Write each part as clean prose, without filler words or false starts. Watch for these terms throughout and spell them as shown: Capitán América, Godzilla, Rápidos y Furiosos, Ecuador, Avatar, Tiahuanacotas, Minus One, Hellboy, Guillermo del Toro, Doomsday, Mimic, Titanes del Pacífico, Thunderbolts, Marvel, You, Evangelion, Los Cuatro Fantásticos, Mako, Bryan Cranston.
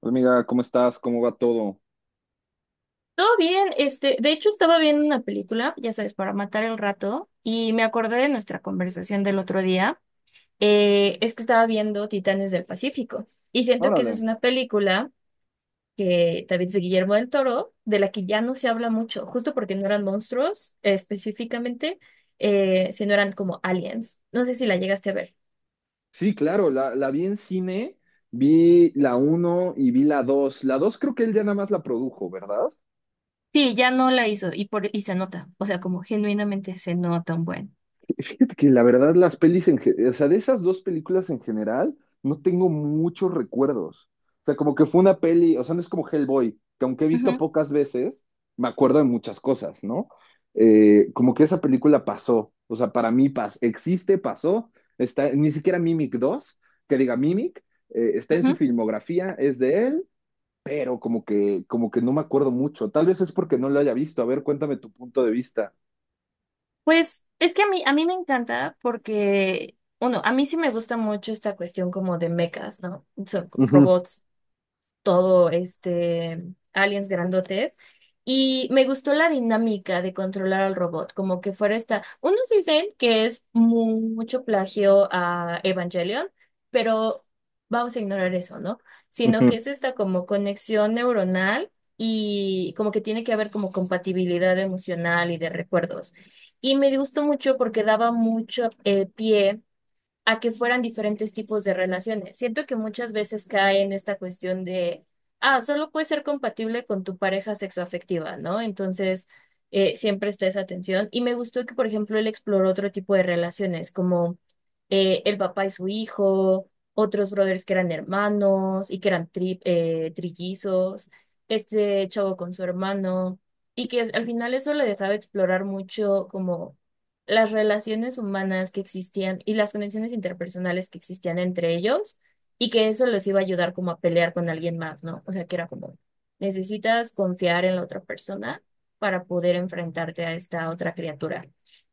Hola, amiga, ¿cómo estás? ¿Cómo va todo? Todo bien, de hecho estaba viendo una película, ya sabes, para matar el rato, y me acordé de nuestra conversación del otro día. Es que estaba viendo Titanes del Pacífico, y siento que esa Órale. es una película que también es de Guillermo del Toro, de la que ya no se habla mucho, justo porque no eran monstruos, específicamente, sino eran como aliens. No sé si la llegaste a ver. Sí, claro, la vi en cine, vi la uno y vi la 2. La 2 creo que él ya nada más la produjo, ¿verdad? Sí, ya no la hizo, y se nota, o sea, como genuinamente se nota un buen. Fíjate que la verdad las pelis, o sea, de esas dos películas en general, no tengo muchos recuerdos. O sea, como que fue una peli, o sea, no es como Hellboy, que aunque he visto Ujú, pocas veces, me acuerdo de muchas cosas, ¿no? Como que esa película pasó, o sea, para mí pas existe, pasó, está, ni siquiera Mimic dos que diga Mimic, está en su ujú. filmografía, es de él, pero como que no me acuerdo mucho. Tal vez es porque no lo haya visto. A ver, cuéntame tu punto de vista. Pues es que a mí me encanta porque, uno, a mí sí me gusta mucho esta cuestión como de mechas, ¿no? Son Ujú, robots, todo este, aliens grandotes. Y me gustó la dinámica de controlar al robot, como que fuera esta. Unos dicen que es mucho plagio a Evangelion, pero vamos a ignorar eso, ¿no? Sino ujú. que es esta como conexión neuronal y como que tiene que haber como compatibilidad emocional y de recuerdos. Y me gustó mucho porque daba mucho pie a que fueran diferentes tipos de relaciones. Siento que muchas veces cae en esta cuestión de, ah, solo puedes ser compatible con tu pareja sexoafectiva, ¿no? Entonces, siempre está esa tensión. Y me gustó que, por ejemplo, él exploró otro tipo de relaciones, como el papá y su hijo, otros brothers que eran hermanos y que eran trillizos, este chavo con su hermano, y que al final eso le dejaba explorar mucho como las relaciones humanas que existían y las conexiones interpersonales que existían entre ellos y que eso les iba a ayudar como a pelear con alguien más, ¿no? O sea, que era como, necesitas confiar en la otra persona para poder enfrentarte a esta otra criatura.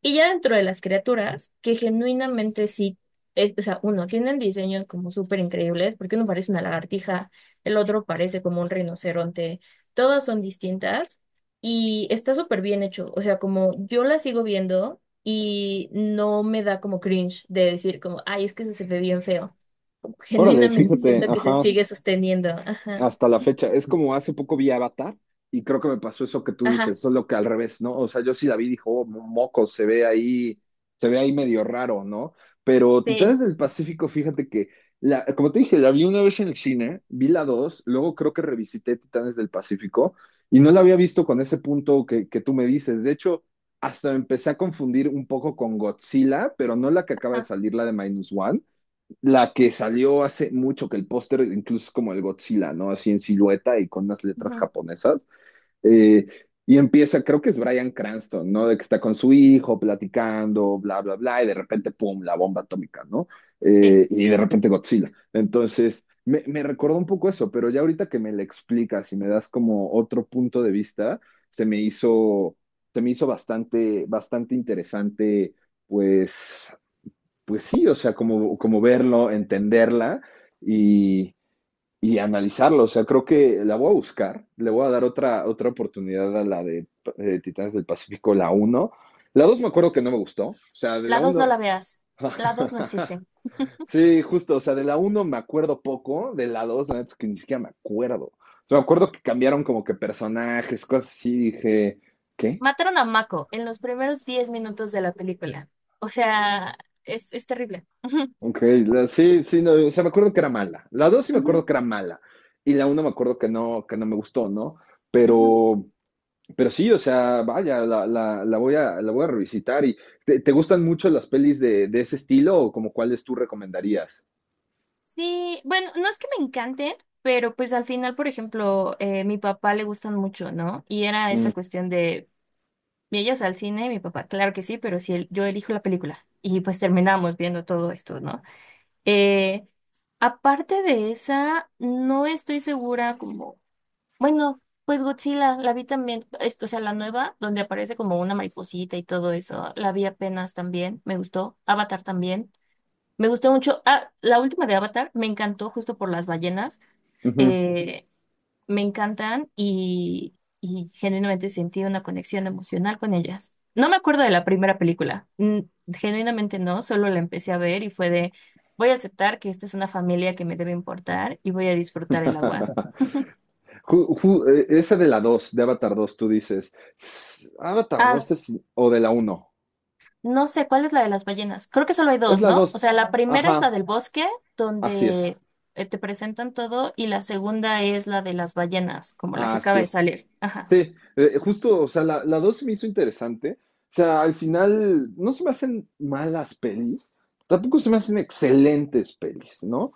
Y ya dentro de las criaturas, que genuinamente sí, o sea, uno, tienen diseños como súper increíbles, porque uno parece una lagartija, el otro parece como un rinoceronte, todas son distintas. Y está súper bien hecho, o sea, como yo la sigo viendo y no me da como cringe de decir como, ay, es que eso se ve bien feo. Como que Órale, genuinamente fíjate, siento que se ajá, sigue sosteniendo. Ajá, hasta la fecha. Es como hace poco vi Avatar y creo que me pasó eso que tú ajá, dices, solo que al revés, ¿no? O sea, yo sí la vi, dijo: "Oh, moco, se ve ahí medio raro, ¿no?". Pero Titanes sí, del Pacífico, fíjate que, como te dije, la vi una vez en el cine, vi la dos, luego creo que revisité Titanes del Pacífico y no la había visto con ese punto que tú me dices. De hecho, hasta empecé a confundir un poco con Godzilla, pero no la que acaba de ah, salir, la de Minus One, la que salió hace mucho, que el póster incluso es como el Godzilla, ¿no? Así en silueta y con unas letras ujú, japonesas. Eh, y empieza, creo que es Bryan Cranston, ¿no? De que está con su hijo platicando, bla, bla, bla, y de repente, ¡pum!, la bomba atómica, ¿no? sí. Y de repente Godzilla. Entonces, me recordó un poco eso, pero ya ahorita que me lo explicas y me das como otro punto de vista, se me hizo, se me hizo bastante, bastante interesante, pues, pues sí, o sea, como verlo, entenderla y, y analizarlo. O sea, creo que la voy a buscar, le voy a dar otra oportunidad a la de Titanes del Pacífico, la uno. La 2 me acuerdo que no me gustó, o sea, de la La 2 no uno. la veas. La 2 no existe. Sí, justo, o sea, de la uno me acuerdo poco, de la 2 la neta es que ni siquiera me acuerdo. O sea, me acuerdo que cambiaron como que personajes, cosas así, dije, ¿qué? Mataron a Mako en los primeros 10 minutos de la película. O sea, es terrible. Ujú, Ok, sí, sí, no, o sea, me acuerdo que era mala. La dos sí me acuerdo ujú, que era mala. Y la una me acuerdo que no me gustó, ¿no? ujú. Pero, pero sí, o sea, vaya, la voy a revisitar. ¿Y te gustan mucho las pelis de ese estilo o como cuáles tú recomendarías? Sí, bueno, no es que me encanten, pero pues al final, por ejemplo, mi papá le gustan mucho, ¿no? Y era esta Mm, cuestión de. Y ellos al cine y mi papá, claro que sí, pero si el- yo elijo la película. Y pues terminamos viendo todo esto, ¿no? Eh, aparte de esa, no estoy segura como, bueno, pues Godzilla, la vi también, o sea, la nueva, donde aparece como una mariposita y todo eso, la vi apenas también, me gustó. Avatar también, me gustó mucho. Ah, la última de Avatar me encantó justo por las ballenas ujú. me encantan y genuinamente sentí una conexión emocional con ellas. No me acuerdo de la primera película, genuinamente no, solo la empecé a ver y fue de, voy a aceptar que esta es una familia que me debe importar y voy a disfrutar el agua. Esa de la 2, de Avatar dos, tú dices. Avatar Ah, dos es, o de la uno. no sé, ¿cuál es la de las ballenas? Creo que solo hay Es dos, la ¿no? O sea, 2. la primera es la Ajá, del bosque, así es. donde te presentan todo, y la segunda es la de las ballenas, como la que Así acaba de es. salir. Ajá. Sí, justo, o sea, la 2 se me hizo interesante. O sea, al final no se me hacen malas pelis, tampoco se me hacen excelentes pelis, ¿no?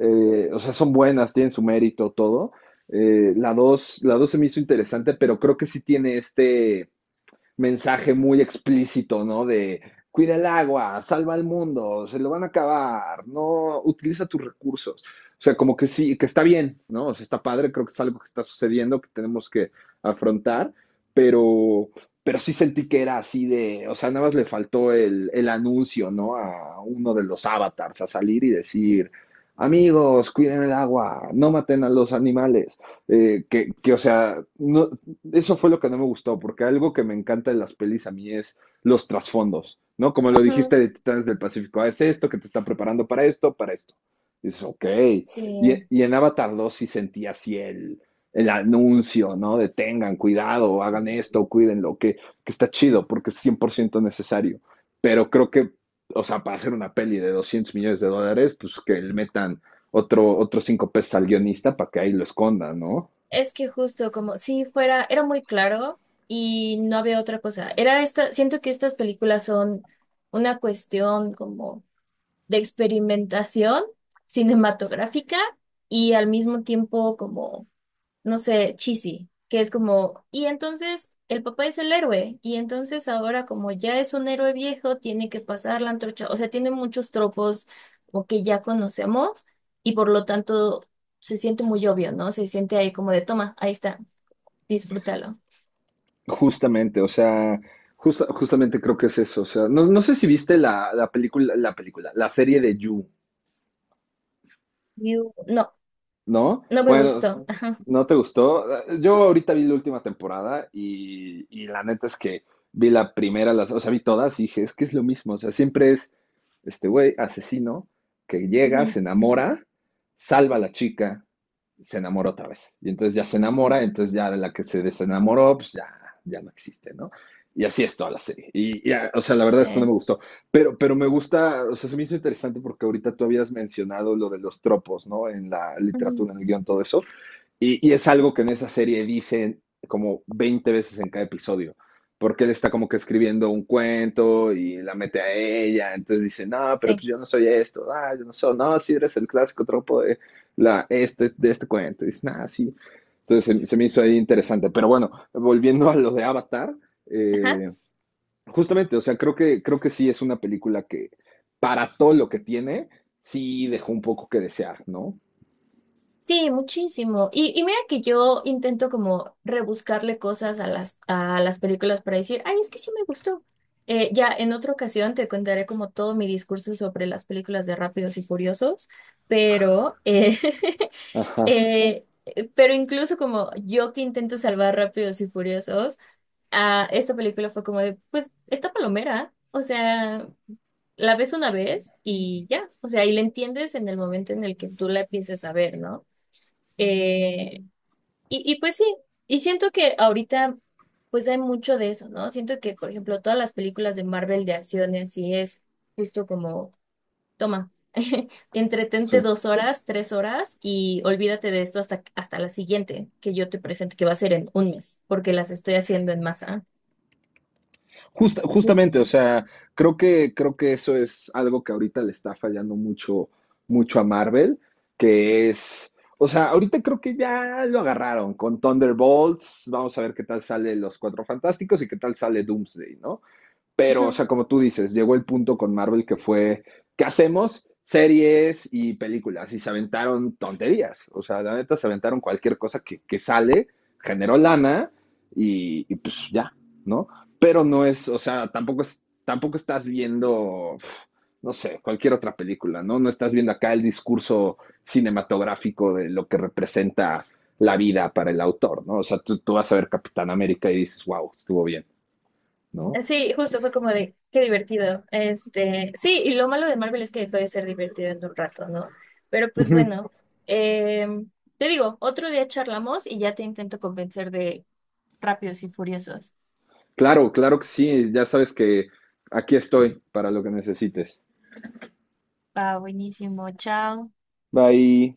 O sea, son buenas, tienen su mérito, todo. La dos se me hizo interesante, pero creo que sí tiene mensaje muy explícito, ¿no? De cuida el agua, salva al mundo, se lo van a acabar, no utiliza tus recursos. O sea, como que sí, que está bien, ¿no? O sea, está padre, creo que es algo que está sucediendo, que tenemos que afrontar, pero, pero sí sentí que era así de, o sea, nada más le faltó el anuncio, ¿no? A uno de los avatars, a salir y decir, amigos, cuiden el agua, no maten a los animales, o sea, no, eso fue lo que no me gustó, porque algo que me encanta de las pelis a mí es los trasfondos, ¿no? Como lo dijiste Ujú, de Titanes del Pacífico, ah, es esto que te está preparando para esto, para esto. Y dices, ok. sí. Y en Avatar dos sí sentí así el anuncio, ¿no? De tengan cuidado, hagan esto, cuídenlo, que está chido, porque es 100% necesario. Pero creo que, o sea, para hacer una peli de $200 millones, pues que le metan otro, otros 5 pesos al guionista para que ahí lo esconda, ¿no? Es que justo como si fuera, era muy claro y no había otra cosa. Era esta, siento que estas películas son una cuestión como de experimentación cinematográfica y al mismo tiempo como no sé, cheesy, que es como, y entonces el papá es el héroe, y entonces ahora como ya es un héroe viejo, tiene que pasar la antorcha, o sea, tiene muchos tropos o que ya conocemos, y por lo tanto se siente muy obvio, ¿no? Se siente ahí como de, toma, ahí está, disfrútalo. Justamente, o sea, justamente creo que es eso. O sea, no, no sé si viste la serie de You, No, ¿no? no me Bueno, gustó. Ajá. ¿no te gustó? Yo ahorita vi la última temporada y la neta es que vi la primera, o sea, vi todas y dije, es que es lo mismo. O sea, siempre es este güey asesino que llega, Ujú. se enamora, salva a la chica, se enamora otra vez. Y entonces ya se enamora, entonces ya la que se desenamoró, pues ya, ya no existe, ¿no? Y, así es toda la serie. Y, o sea, la verdad esto no me Sí. gustó. Pero me gusta, o sea, se me hizo interesante porque ahorita tú habías mencionado lo de los tropos, ¿no? En la Ujú. literatura, en el guión, todo eso. Y, es algo que en esa serie dicen como 20 veces en cada episodio, porque él está como que escribiendo un cuento y la mete a ella, entonces dice, no, pero pues Sí. yo no soy esto, ah, yo no soy, no, sí eres el clásico tropo de, de este cuento, y dice, ah, sí. Entonces se me hizo ahí interesante, pero bueno, volviendo a lo de Avatar, Ajá. eh, justamente, o sea, creo que sí es una película que para todo lo que tiene, sí dejó un poco que desear, ¿no? Sí, muchísimo. Y mira que yo intento como rebuscarle cosas a las películas para decir, ay, es que sí me gustó. Ya en otra ocasión te contaré como todo mi discurso sobre las películas de Rápidos y Furiosos, pero, Ajá, eh, pero incluso como yo que intento salvar Rápidos y Furiosos, ah, esta película fue como de, pues, esta palomera, o sea, la ves una vez y ya, o sea, y la entiendes en el momento en el que tú la empiezas a ver, ¿no? Eh, y pues sí, y siento que ahorita pues hay mucho de eso, ¿no? Siento que, por ejemplo, todas las películas de Marvel de acciones sí es justo como, toma, entretente sí. 2 horas, 3 horas y olvídate de esto hasta la siguiente que yo te presente, que va a ser en un mes, porque las estoy haciendo en masa. Justamente, o sea, creo que eso es algo que ahorita le está fallando mucho, mucho a Marvel, que es, o sea, ahorita creo que ya lo agarraron con Thunderbolts, vamos a ver qué tal sale Los Cuatro Fantásticos y qué tal sale Doomsday, ¿no? Pero, o Ujú. sea, como tú dices, llegó el punto con Marvel que fue, ¿qué hacemos? Series y películas, y se aventaron tonterías, o sea, la neta se aventaron cualquier cosa que sale, generó lana y pues ya, ¿no? Pero no es, o sea, tampoco, tampoco estás viendo, uf, no sé, cualquier otra película, ¿no? No estás viendo acá el discurso cinematográfico de lo que representa la vida para el autor, ¿no? O sea, tú vas a ver Capitán América y dices, wow, estuvo bien, ¿no? Sí, justo fue como de, qué divertido. Este, sí, y lo malo de Marvel es que dejó de ser divertido en un rato, ¿no? Pero pues bueno, eh, te digo, otro día charlamos y ya te intento convencer de Rápidos y Furiosos. Claro, claro que sí, ya sabes que aquí estoy para lo que necesites. Va, buenísimo, chao. Bye.